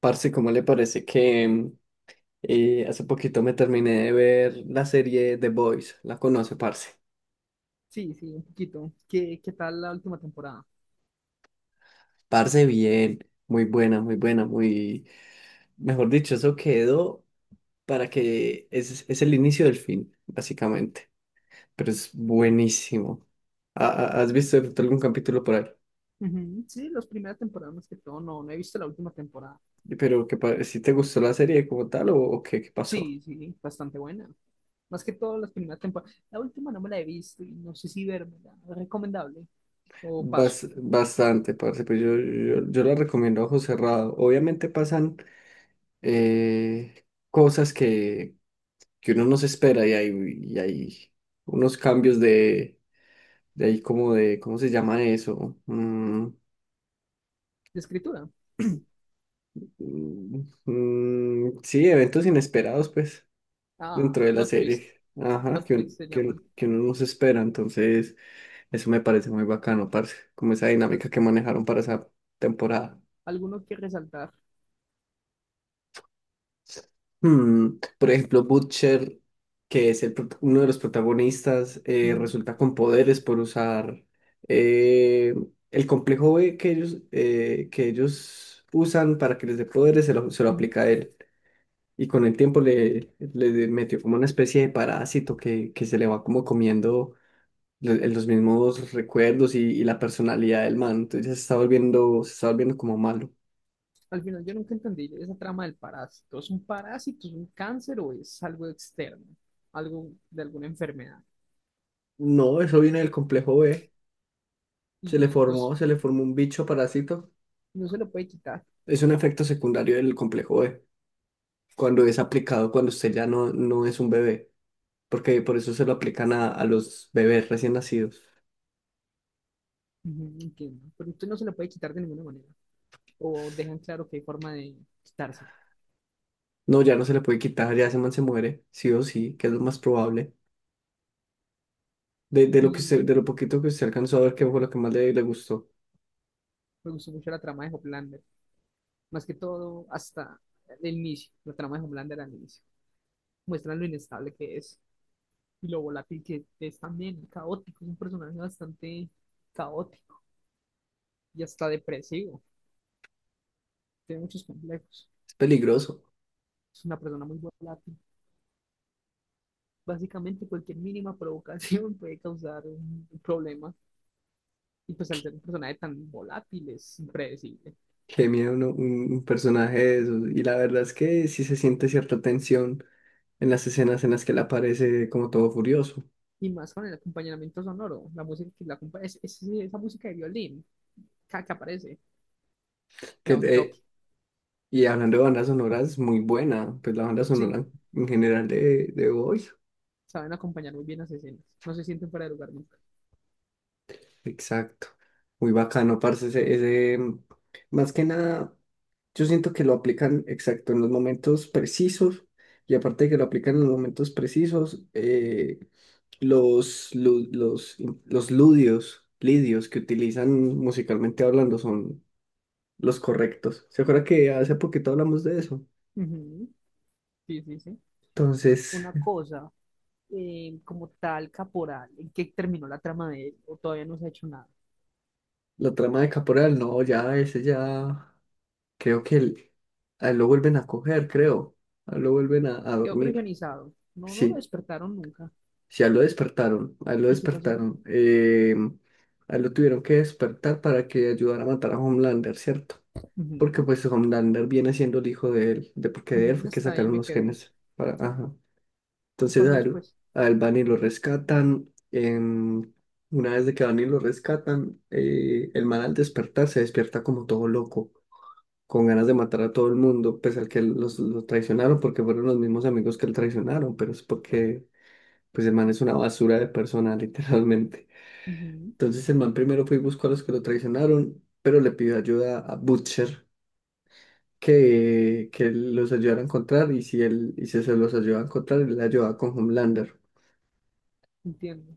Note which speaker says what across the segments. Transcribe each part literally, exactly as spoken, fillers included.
Speaker 1: Parce, ¿cómo le parece que mm, eh, hace poquito me terminé de ver la serie The Boys? ¿La conoce, parce?
Speaker 2: Sí, sí, un poquito. ¿Qué, qué tal la última temporada?
Speaker 1: Parce, bien, muy buena, muy buena, muy... Mejor dicho, eso quedó para que... Es, es el inicio del fin, básicamente. Pero es buenísimo. ¿Ha- ha- ¿Has visto de pronto algún capítulo por ahí?
Speaker 2: Ujú, sí, las primeras temporadas más que todo, no, no he visto la última temporada.
Speaker 1: Pero que pa- si te gustó la serie como tal o, o qué, ¿qué pasó?
Speaker 2: Sí, sí, bastante buena. Más que todo las primeras temporadas. La última no me la he visto y no sé si vérmela. ¿Es ¿Recomendable? ¿O paso?
Speaker 1: Bas- bastante, parce, pues yo, yo, yo la recomiendo a ojo cerrado. Obviamente pasan eh, cosas que, que uno no se espera y hay, y hay unos cambios de, de ahí como de, ¿cómo se llama eso? Mm,
Speaker 2: ¿De escritura?
Speaker 1: mm, mm, sí, eventos inesperados, pues,
Speaker 2: Ah,
Speaker 1: dentro de la
Speaker 2: plot twist.
Speaker 1: serie. Ajá,
Speaker 2: Plot
Speaker 1: que,
Speaker 2: twist
Speaker 1: un-
Speaker 2: se
Speaker 1: que,
Speaker 2: llaman.
Speaker 1: un- que uno no se espera, entonces eso me parece muy bacano, parce, como esa
Speaker 2: Al-
Speaker 1: dinámica que manejaron para esa temporada.
Speaker 2: Alguno que resaltar.
Speaker 1: Hmm, Por ejemplo, Butcher, que es el prot- uno de los protagonistas, eh,
Speaker 2: Ujú,
Speaker 1: resulta con poderes por usar eh, el complejo B que ellos, eh, que ellos usan para que les dé poderes, se lo, se lo
Speaker 2: ujú.
Speaker 1: aplica a él. Y con el tiempo le, le metió como una especie de parásito que, que se le va como comiendo lo- los mismos recuerdos y, y la personalidad del man. Entonces se está volviendo, se está volviendo como malo.
Speaker 2: Al final yo nunca entendí esa trama del parásito. ¿Es un parásito, es un cáncer o es algo externo? Algo de alguna enfermedad.
Speaker 1: No, eso viene del complejo B. Se le
Speaker 2: Y
Speaker 1: formó,
Speaker 2: dos.
Speaker 1: se le formó un bicho parásito.
Speaker 2: No se lo puede quitar.
Speaker 1: Es un efecto secundario del complejo B, cuando es aplicado cuando usted ya no, no es un bebé, porque por eso se lo aplican a, a los bebés recién nacidos.
Speaker 2: Ujú, entiendo. Pero usted no se lo puede quitar de ninguna manera. O dejan claro que hay forma de quitárselo.
Speaker 1: No, ya no se le puede quitar, ya ese man se muere, sí o sí, que es lo más probable. De, de lo que
Speaker 2: Y
Speaker 1: usted- de lo poquito que usted alcanzó a ver, que fue lo que más le, le gustó.
Speaker 2: me gustó mucho la trama de Hoplander. Más que todo hasta el inicio. La trama de Hoplander al inicio. Muestran lo inestable que es. Y lo volátil que es también. Caótico. Es un personaje bastante caótico. Y hasta depresivo. Tiene muchos complejos.
Speaker 1: Es peligroso.
Speaker 2: Es una persona muy volátil. Básicamente cualquier mínima provocación puede causar un problema. Y pues al ser un personaje tan volátil es impredecible.
Speaker 1: Qué miedo uno- un, un personaje de esos. Y la verdad es que sí se siente cierta tensión en las escenas en las que él aparece como todo furioso.
Speaker 2: Y más con el acompañamiento sonoro, la música que la acompa- es, es- es esa música de violín cada que aparece, le
Speaker 1: Que,
Speaker 2: da un toque.
Speaker 1: eh, Y hablando de bandas sonoras, muy buena, pues la banda sonora
Speaker 2: Sí,
Speaker 1: en general de, de Boys.
Speaker 2: saben acompañar muy bien las escenas. No se sienten fuera de lugar nunca.
Speaker 1: Exacto. Muy bacano, parce, ese, ese, mm, más que nada, yo siento que lo aplican exacto en los momentos precisos, y aparte de que lo aplican en los momentos precisos, eh, los, lu- los, los ludios, lidios que utilizan musicalmente hablando son los correctos. ¿Se acuerda que hace poquito hablamos de eso?
Speaker 2: Ujú, sí, sí, sí.
Speaker 1: Entonces,
Speaker 2: Una cosa, eh, como tal, Caporal, ¿en qué terminó la trama de él? ¿O todavía no se ha hecho nada?
Speaker 1: la trama de Caporal, no, ya, ese ya. Creo que el- a él lo vuelven a coger, creo. A él lo vuelven a, a
Speaker 2: Quedó
Speaker 1: dormir.
Speaker 2: criogenizado. No, no lo
Speaker 1: Sí,
Speaker 2: despertaron nunca.
Speaker 1: sí, a él lo despertaron. A él lo
Speaker 2: ¿Y qué pasó?
Speaker 1: despertaron. Eh, a él lo tuvieron que despertar para que ayudara a matar a Homelander, ¿cierto? Porque
Speaker 2: Ujú,
Speaker 1: pues Homelander viene siendo el hijo de él, de porque de él
Speaker 2: ujú.
Speaker 1: fue que
Speaker 2: Hasta ahí
Speaker 1: sacaron
Speaker 2: me
Speaker 1: los
Speaker 2: quedé.
Speaker 1: genes. Para, ajá.
Speaker 2: ¿Qué
Speaker 1: Entonces
Speaker 2: pasó
Speaker 1: a él,
Speaker 2: después?
Speaker 1: a él van y lo rescatan. Em, una vez de que van y lo rescatan, eh, el man al despertar se despierta como todo loco con ganas de matar a todo el mundo, pese al que los, los traicionaron, porque fueron los mismos amigos que él traicionaron, pero es porque, pues el man es una basura de persona, literalmente.
Speaker 2: Ujú,
Speaker 1: Entonces el man primero fue y buscó a los que lo traicionaron, pero le pidió ayuda a Butcher, que, que los ayudara a encontrar, y si él, y si se los ayudaba a encontrar, él le ayudaba con Homelander.
Speaker 2: entiendo.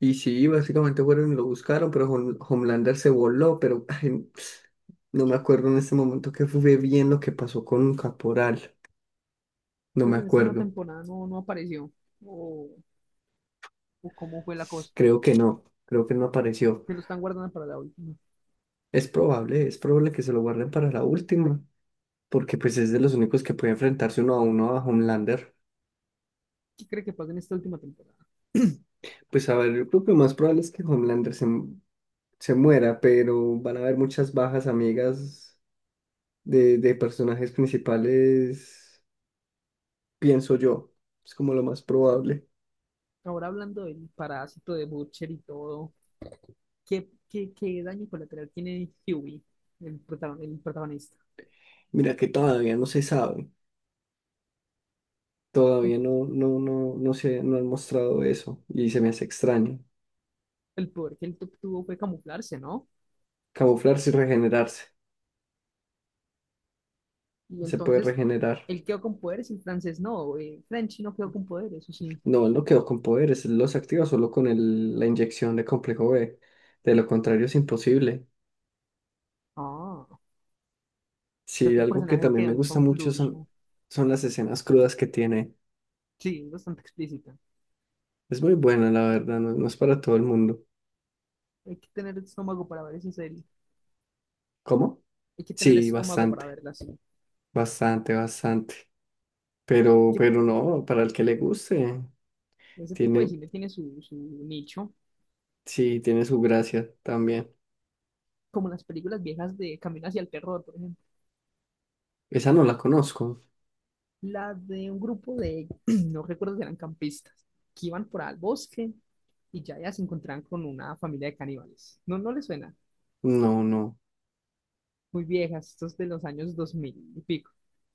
Speaker 1: Y sí, básicamente fueron y lo buscaron, pero Hom- Homelander se voló, pero ay, no me acuerdo en este momento que fue bien lo que pasó con Caporal, no me
Speaker 2: Entonces en esta nueva
Speaker 1: acuerdo.
Speaker 2: temporada no, no apareció. O, o cómo fue la cosa.
Speaker 1: Creo que no, creo que no apareció.
Speaker 2: Se lo están guardando para la última.
Speaker 1: Es probable, es probable que se lo guarden para la última, porque pues es de los únicos que puede enfrentarse uno a uno a Homelander.
Speaker 2: ¿Qué cree que pasa en esta última temporada?
Speaker 1: Pues a ver, yo creo que lo más probable es que Homelander se, mu- se muera, pero van a haber muchas bajas amigas de, de personajes principales, pienso yo. Es como lo más probable.
Speaker 2: Ahora hablando del parásito de Butcher y todo, ¿qué, qué, qué daño colateral tiene Huey, el, protagon- el protagonista?
Speaker 1: Mira que todavía no se sabe, todavía
Speaker 2: El,
Speaker 1: no, no, no, no se, no han mostrado eso y se me hace extraño.
Speaker 2: el poder que él tu- tuvo fue camuflarse, ¿no?
Speaker 1: Camuflarse y regenerarse,
Speaker 2: Y
Speaker 1: se puede
Speaker 2: entonces
Speaker 1: regenerar.
Speaker 2: él quedó con poderes y el francés no. Eh, Frenchy no quedó con poderes, eso sí.
Speaker 1: No, él no quedó con poderes, él los activa solo con el- la inyección de complejo B. De lo contrario es imposible.
Speaker 2: Ah, ¿qué
Speaker 1: Sí,
Speaker 2: otro
Speaker 1: algo que
Speaker 2: personaje
Speaker 1: también
Speaker 2: quedó
Speaker 1: me gusta mucho son,
Speaker 2: inconcluso?
Speaker 1: son las escenas crudas que tiene.
Speaker 2: Sí, es bastante explícita.
Speaker 1: Es muy buena, la verdad, no, no es para todo el mundo.
Speaker 2: Hay que tener estómago para ver esa serie.
Speaker 1: ¿Cómo?
Speaker 2: Hay que tener
Speaker 1: Sí,
Speaker 2: estómago para
Speaker 1: bastante,
Speaker 2: verla así.
Speaker 1: bastante, bastante. Pero,
Speaker 2: Que
Speaker 1: pero no, para el que le guste,
Speaker 2: Ese tipo de
Speaker 1: tiene,
Speaker 2: cine tiene su, su nicho,
Speaker 1: sí, tiene su gracia también.
Speaker 2: como las películas viejas de Camino hacia el Terror, por ejemplo.
Speaker 1: Esa no la conozco.
Speaker 2: La de un grupo de, no recuerdo si eran campistas, que iban por al bosque y ya, ya se encontraban con una familia de caníbales. No, no les suena.
Speaker 1: No, no.
Speaker 2: Muy viejas, estos de los años dos mil y pico.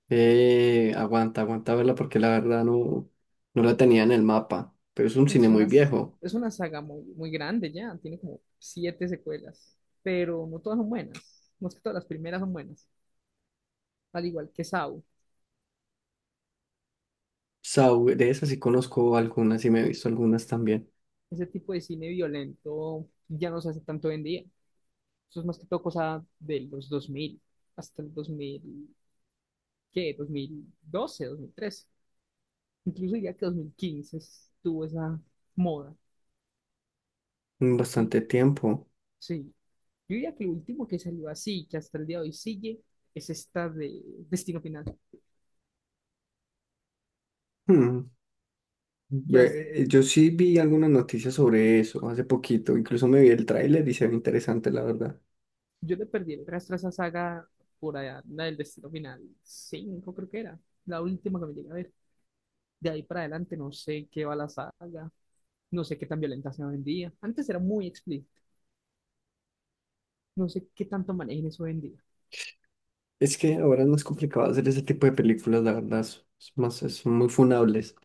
Speaker 1: Eh, aguanta, aguanta verla porque la verdad no, no la tenía en el mapa, pero es un cine
Speaker 2: Entonces,
Speaker 1: muy
Speaker 2: unas,
Speaker 1: viejo.
Speaker 2: es una saga muy, muy grande ya, tiene como siete secuelas, pero no todas son buenas. No es que todas las primeras son buenas, al igual que Saw.
Speaker 1: Saw, de esas sí conozco algunas y me he visto algunas también
Speaker 2: Ese tipo de cine violento ya no se hace tanto hoy en día. Eso es más que todo cosa de los dos mil hasta el dos mil, ¿qué? dos mil doce, dos mil trece. Incluso diría que dos mil quince estuvo esa moda.
Speaker 1: en
Speaker 2: Y
Speaker 1: bastante tiempo.
Speaker 2: sí, yo diría que lo último que salió así, que hasta el día de hoy sigue, es esta de Destino Final.
Speaker 1: Hmm,
Speaker 2: Que hasta-
Speaker 1: ve- Yo sí vi algunas noticias sobre eso hace poquito, incluso me vi el tráiler y se ve interesante, la verdad.
Speaker 2: yo le perdí el rastro a esa saga por allá, la del Destino Final cinco, creo que era. La última que me llegué a ver. De ahí para adelante no sé qué va la saga. No sé qué tan violenta sea hoy en día. Antes era muy explícita. No sé qué tanto manejen eso hoy en día.
Speaker 1: Es que ahora es más complicado hacer ese tipo de películas, la verdad, es es más, son muy funables.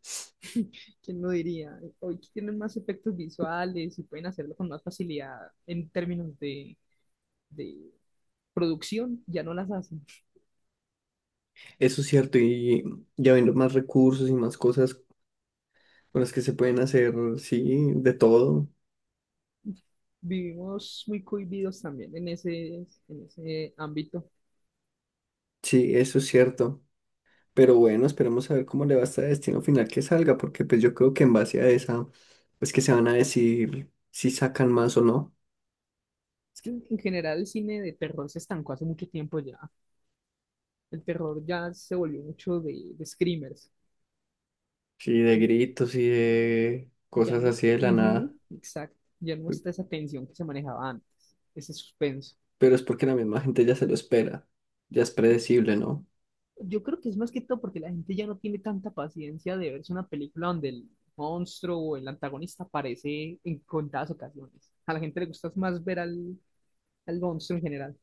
Speaker 2: ¿Quién lo diría? Hoy tienen más efectos visuales y pueden hacerlo con más facilidad en términos de, de producción, ya no las hacen.
Speaker 1: Eso es cierto, y ya viendo más recursos y más cosas con las que se pueden hacer, sí, de todo.
Speaker 2: Vivimos muy cohibidos también en ese, en ese ámbito.
Speaker 1: Sí, eso es cierto. Pero bueno, esperemos a ver cómo le va a este destino final que salga, porque pues yo creo que en base a esa, pues que se van a decir si sacan más o no.
Speaker 2: Es que en general el cine de terror se estancó hace mucho tiempo ya. El terror ya se volvió mucho de, de screamers.
Speaker 1: Sí, de gritos y de
Speaker 2: Ya
Speaker 1: cosas
Speaker 2: no hay-
Speaker 1: así de la nada.
Speaker 2: Ujú, exacto. Ya no está esa tensión que se manejaba antes, ese suspenso.
Speaker 1: Pero es porque la misma gente ya se lo espera. Ya es predecible, ¿no?
Speaker 2: Yo creo que es más que todo porque la gente ya no tiene tanta paciencia de verse una película donde el monstruo o el antagonista aparece en contadas ocasiones. A la gente le gusta más ver al, al monstruo en general.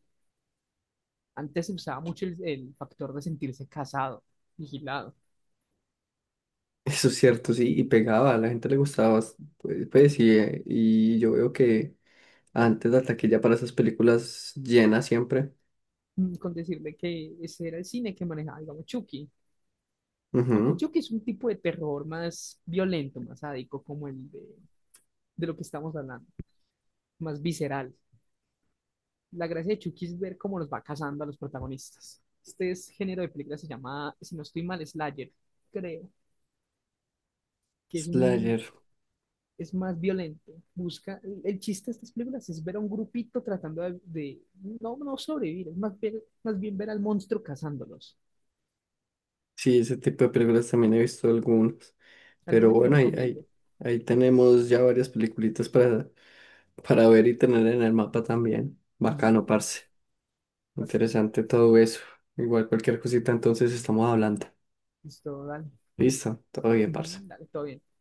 Speaker 2: Antes se usaba mucho el, el factor de sentirse casado, vigilado,
Speaker 1: Eso es cierto, sí, y pegaba, a la gente le gustaba, bast- pues, pues, y, eh, y yo veo que antes la taquilla para esas películas llena siempre.
Speaker 2: mm, con decirle que ese era el cine que manejaba, digamos, Chucky. Aunque
Speaker 1: Ujú.
Speaker 2: Chucky es un tipo de terror más violento, más sádico, como el de, de lo que estamos hablando, más visceral. La gracia de Chucky es ver cómo los va cazando a los protagonistas. Este es- género de película se llama, si no estoy mal, Slayer, creo, que es un,
Speaker 1: Slayer.
Speaker 2: es más violento. Busca, el, el chiste de estas películas es ver a un grupito tratando de, de- no, no sobrevivir, es más, ver- más bien ver al monstruo cazándolos.
Speaker 1: Sí, ese tipo de películas también he visto algunas. Pero
Speaker 2: ¿Alguna que
Speaker 1: bueno, ahí, ahí,
Speaker 2: recomiende?
Speaker 1: ahí tenemos ya varias peliculitas para, para ver y tener en el mapa también. Bacano,
Speaker 2: Ujú,
Speaker 1: parce.
Speaker 2: bastante.
Speaker 1: Interesante todo eso. Igual cualquier cosita, entonces estamos hablando.
Speaker 2: Listo, dale.
Speaker 1: Listo, todo bien, parce.
Speaker 2: Ujú, dale, todo bien.